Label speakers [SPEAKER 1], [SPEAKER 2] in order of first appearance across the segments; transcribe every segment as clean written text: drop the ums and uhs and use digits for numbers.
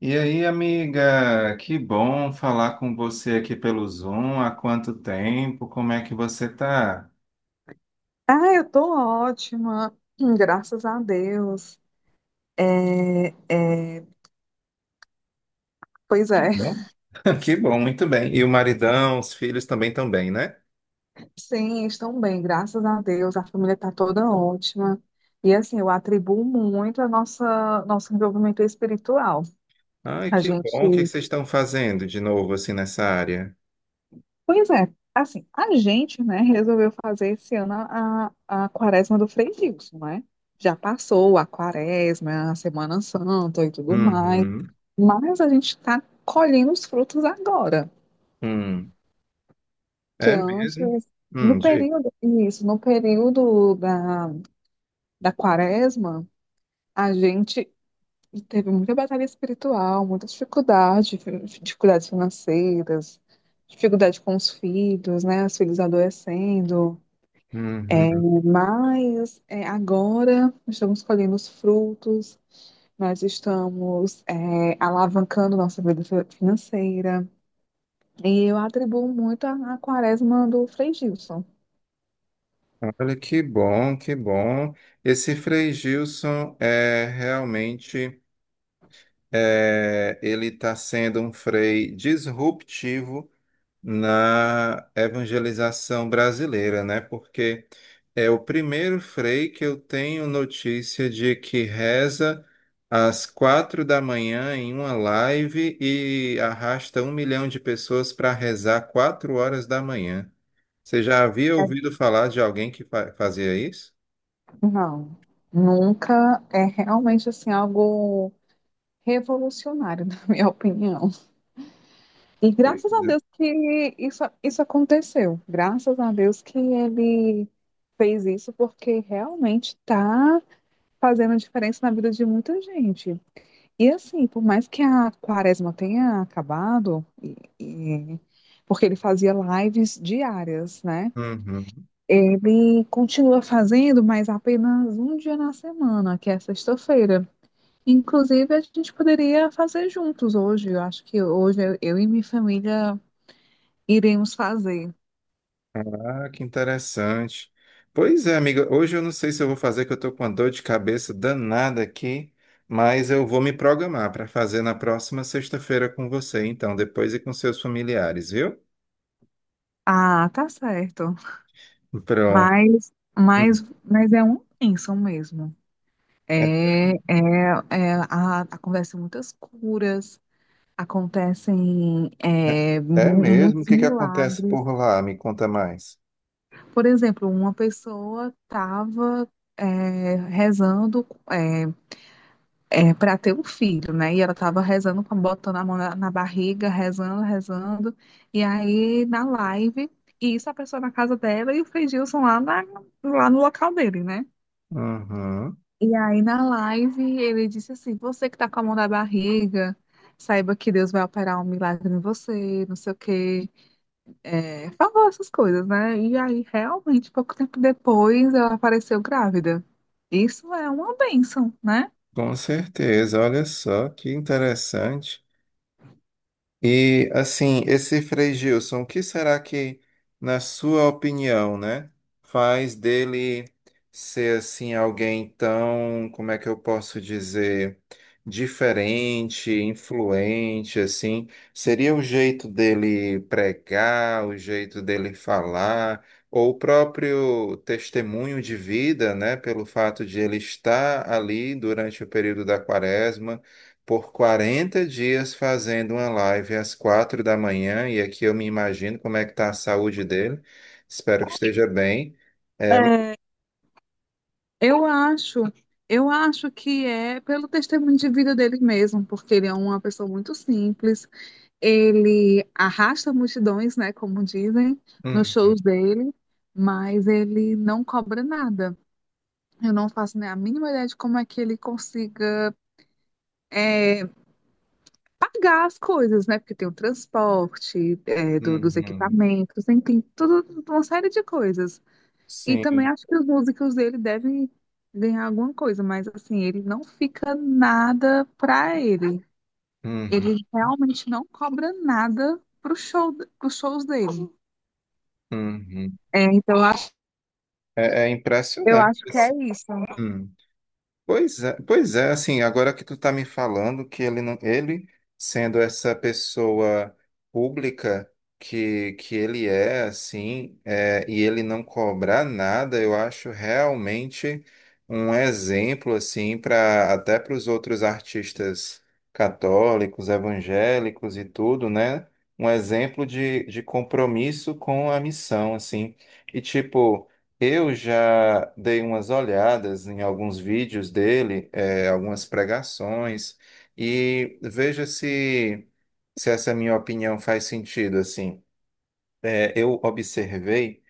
[SPEAKER 1] E aí, amiga, que bom falar com você aqui pelo Zoom. Há quanto tempo? Como é que você tá?
[SPEAKER 2] Ah, eu tô ótima. Graças a Deus. É, é, pois
[SPEAKER 1] Que
[SPEAKER 2] é,
[SPEAKER 1] bom. Que bom, muito bem. E o maridão, os filhos também estão bem, né?
[SPEAKER 2] sim, estão bem, graças a Deus. A família está toda ótima. E assim, eu atribuo muito a nossa nosso envolvimento espiritual.
[SPEAKER 1] Ai,
[SPEAKER 2] A
[SPEAKER 1] que
[SPEAKER 2] gente,
[SPEAKER 1] bom. O que que vocês estão fazendo de novo assim nessa área?
[SPEAKER 2] pois é, assim, a gente, né, resolveu fazer esse ano a quaresma do Frei Gilson, né? Já passou a quaresma, a Semana Santa e tudo mais,
[SPEAKER 1] Uhum.
[SPEAKER 2] mas a gente está colhendo os frutos agora.
[SPEAKER 1] Hum.
[SPEAKER 2] Que
[SPEAKER 1] É
[SPEAKER 2] antes,
[SPEAKER 1] mesmo?
[SPEAKER 2] no
[SPEAKER 1] Diga.
[SPEAKER 2] período, isso, no período da quaresma, a gente teve muita batalha espiritual, muita dificuldade, dificuldades financeiras, dificuldade com os filhos, né, os filhos adoecendo. É,
[SPEAKER 1] Uhum.
[SPEAKER 2] mas é, agora nós estamos colhendo os frutos, nós estamos alavancando nossa vida financeira. E eu atribuo muito a quaresma do Frei Gilson.
[SPEAKER 1] Olha que bom, que bom. Esse Frei Gilson é realmente ele está sendo um Frei disruptivo na evangelização brasileira, né? Porque é o primeiro frei que eu tenho notícia de que reza às 4 da manhã em uma live e arrasta 1 milhão de pessoas para rezar 4 horas da manhã. Você já havia ouvido falar de alguém que fazia isso?
[SPEAKER 2] Não, nunca é realmente assim algo revolucionário, na minha opinião. E
[SPEAKER 1] Oi.
[SPEAKER 2] graças a Deus que isso aconteceu. Graças a Deus que ele fez isso, porque realmente está fazendo diferença na vida de muita gente. E assim, por mais que a quaresma tenha acabado, porque ele fazia lives diárias, né?
[SPEAKER 1] Uhum.
[SPEAKER 2] Ele continua fazendo, mas apenas um dia na semana, que é sexta-feira. Inclusive, a gente poderia fazer juntos hoje. Eu acho que hoje eu e minha família iremos fazer.
[SPEAKER 1] Ah, que interessante. Pois é, amiga, hoje eu não sei se eu vou fazer, que eu tô com uma dor de cabeça danada aqui, mas eu vou me programar para fazer na próxima sexta-feira com você, então, depois e com seus familiares, viu?
[SPEAKER 2] Ah, tá certo.
[SPEAKER 1] Pronto.
[SPEAKER 2] Mas,
[SPEAKER 1] Hum.
[SPEAKER 2] mas é uma bênção mesmo.
[SPEAKER 1] É,
[SPEAKER 2] É, é, é, a, acontecem muitas curas, acontecem
[SPEAKER 1] é- é mesmo? O
[SPEAKER 2] muitos
[SPEAKER 1] que que acontece
[SPEAKER 2] milagres.
[SPEAKER 1] por lá? Me conta mais.
[SPEAKER 2] Por exemplo, uma pessoa estava rezando para ter um filho, né? E ela estava rezando, botando a mão na barriga, rezando, rezando. E aí, na live, e isso a pessoa na casa dela e o Fred Gilson lá, lá no local dele, né?
[SPEAKER 1] Uhum.
[SPEAKER 2] E aí, na live, ele disse assim: Você que tá com a mão na barriga, saiba que Deus vai operar um milagre em você, não sei o quê. É, falou essas coisas, né? E aí, realmente, pouco tempo depois, ela apareceu grávida. Isso é uma bênção, né?
[SPEAKER 1] Com certeza, olha só que interessante. E assim, esse Frei Gilson, o que será que, na sua opinião, né, faz dele ser assim alguém tão, como é que eu posso dizer, diferente, influente, assim? Seria o jeito dele pregar, o jeito dele falar, ou o próprio testemunho de vida, né, pelo fato de ele estar ali durante o período da quaresma? Por 40 dias fazendo uma live às 4 da manhã, e aqui eu me imagino como é que está a saúde dele. Espero que esteja bem. É,
[SPEAKER 2] É, eu acho, eu acho que é pelo testemunho de vida dele mesmo, porque ele é uma pessoa muito simples, ele arrasta multidões, né, como dizem, nos
[SPEAKER 1] uhum,
[SPEAKER 2] shows dele, mas ele não cobra nada. Eu não faço nem a mínima ideia de como é que ele consiga pagar as coisas, né, porque tem o transporte, é, dos
[SPEAKER 1] uhum,
[SPEAKER 2] equipamentos, enfim, tudo, uma série de coisas. E também
[SPEAKER 1] sim,
[SPEAKER 2] acho que os músicos dele devem ganhar alguma coisa, mas assim, ele não fica nada pra ele.
[SPEAKER 1] uhum,
[SPEAKER 2] Ele realmente não cobra nada pro show, pros shows dele.
[SPEAKER 1] uhum.
[SPEAKER 2] É, então
[SPEAKER 1] É, é
[SPEAKER 2] eu
[SPEAKER 1] impressionante,
[SPEAKER 2] acho que é
[SPEAKER 1] assim.
[SPEAKER 2] isso.
[SPEAKER 1] Hum. Pois é, assim, agora que tu tá me falando que ele não, ele sendo essa pessoa pública que ele é, assim, e ele não cobrar nada, eu acho realmente um exemplo, assim, para até para os outros artistas católicos, evangélicos e tudo, né? Um exemplo de compromisso com a missão, assim. E tipo. Eu já dei umas olhadas em alguns vídeos dele, algumas pregações, e veja se essa minha opinião faz sentido, assim. Eu observei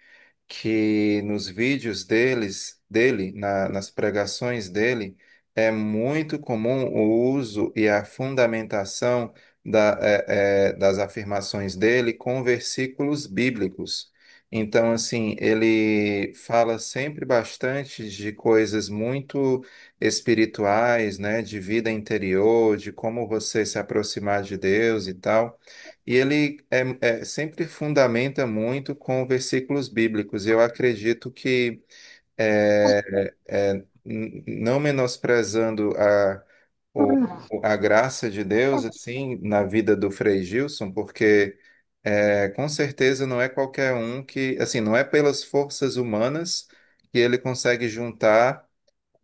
[SPEAKER 1] que nos vídeos dele, nas pregações dele, é muito comum o uso e a fundamentação das afirmações dele com versículos bíblicos. Então, assim, ele fala sempre bastante de coisas muito espirituais, né, de vida interior, de como você se aproximar de Deus e tal. E ele sempre fundamenta muito com versículos bíblicos. Eu acredito que, é, não menosprezando o, a graça de Deus, assim, na vida do Frei Gilson, porque com certeza não é qualquer um que, assim, não é pelas forças humanas que ele consegue juntar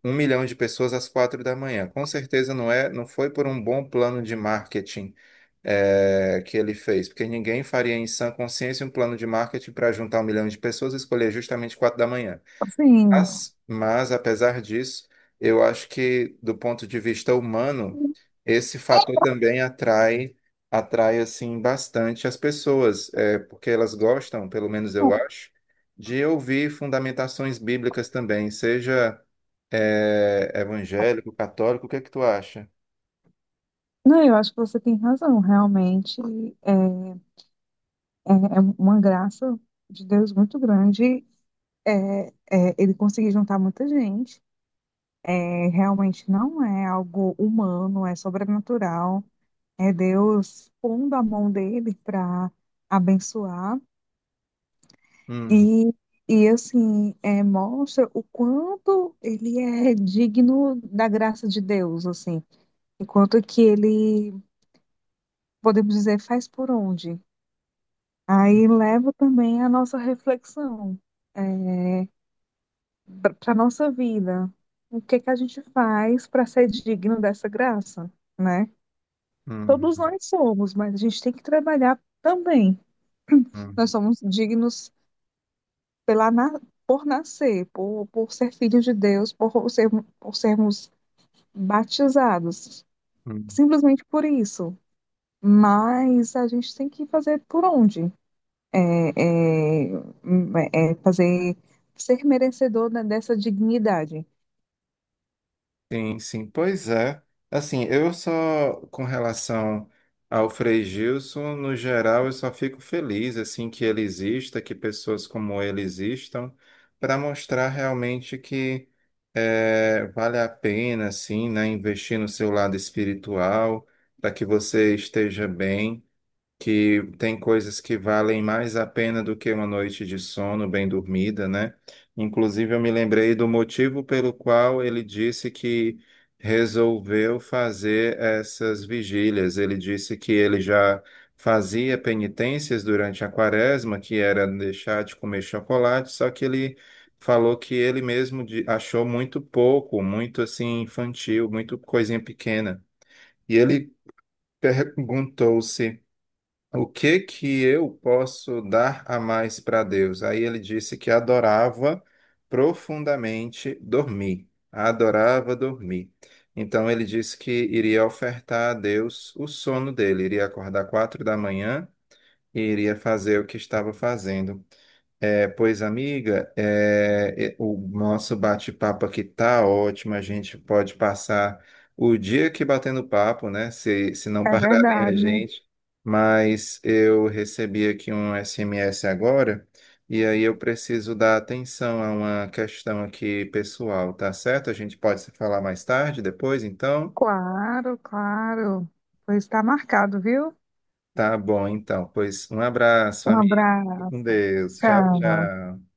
[SPEAKER 1] 1 milhão de pessoas às 4 da manhã. Com certeza não foi por um bom plano de marketing, que ele fez, porque ninguém faria em sã consciência um plano de marketing para juntar 1 milhão de pessoas e escolher justamente 4 da manhã.
[SPEAKER 2] Assim,
[SPEAKER 1] Mas, apesar disso, eu acho que do ponto de vista humano, esse fator também atrai assim bastante as pessoas, porque elas gostam, pelo menos eu acho, de ouvir fundamentações bíblicas também, seja evangélico, católico, o que é que tu acha?
[SPEAKER 2] não, eu acho que você tem razão, realmente. É, é, é uma graça de Deus muito grande. É, é, ele conseguir juntar muita gente. É, realmente não é algo humano, é sobrenatural. É Deus pondo a mão dele para abençoar
[SPEAKER 1] Uhum,
[SPEAKER 2] e, e assim é, mostra o quanto ele é digno da graça de Deus, assim, enquanto que ele, podemos dizer, faz por onde. Aí leva também a nossa reflexão é, para a nossa vida. O que que a gente faz para ser digno dessa graça, né? Todos
[SPEAKER 1] uhum,
[SPEAKER 2] nós somos, mas a gente tem que trabalhar também. Nós
[SPEAKER 1] uhum,
[SPEAKER 2] somos dignos pela, por nascer, por ser filhos de Deus, por, ser, por sermos batizados,
[SPEAKER 1] uhum.
[SPEAKER 2] simplesmente por isso. Mas a gente tem que fazer por onde? É, é, é fazer ser merecedor dessa dignidade.
[SPEAKER 1] Sim, sim, pois é. Assim, eu só, com relação ao Frei Gilson, no geral, eu só fico feliz, assim, que ele exista, que pessoas como ele existam, para mostrar realmente que vale a pena, assim, né, investir no seu lado espiritual, para que você esteja bem, que tem coisas que valem mais a pena do que uma noite de sono bem dormida, né? Inclusive, eu me lembrei do motivo pelo qual ele disse que resolveu fazer essas vigílias. Ele disse que ele já fazia penitências durante a quaresma, que era deixar de comer chocolate, só que ele falou que ele mesmo achou muito pouco, muito assim infantil, muito coisinha pequena. E ele perguntou-se o que que eu posso dar a mais para Deus? Aí ele disse que adorava profundamente dormir. Adorava dormir. Então ele disse que iria ofertar a Deus o sono dele, iria acordar 4 da manhã e iria fazer o que estava fazendo. É, pois, amiga, o nosso bate-papo aqui tá ótimo. A gente pode passar o dia aqui batendo papo, né? Se não
[SPEAKER 2] É
[SPEAKER 1] pararem a
[SPEAKER 2] verdade.
[SPEAKER 1] gente. Mas eu recebi aqui um SMS agora, e aí eu preciso dar atenção a uma questão aqui pessoal, tá certo? A gente pode se falar mais tarde, depois, então?
[SPEAKER 2] Claro, claro. Pois está marcado, viu?
[SPEAKER 1] Tá bom, então. Pois um abraço,
[SPEAKER 2] Um
[SPEAKER 1] amigo. Fica com
[SPEAKER 2] abraço.
[SPEAKER 1] Deus. Tchau,
[SPEAKER 2] Tchau.
[SPEAKER 1] tchau.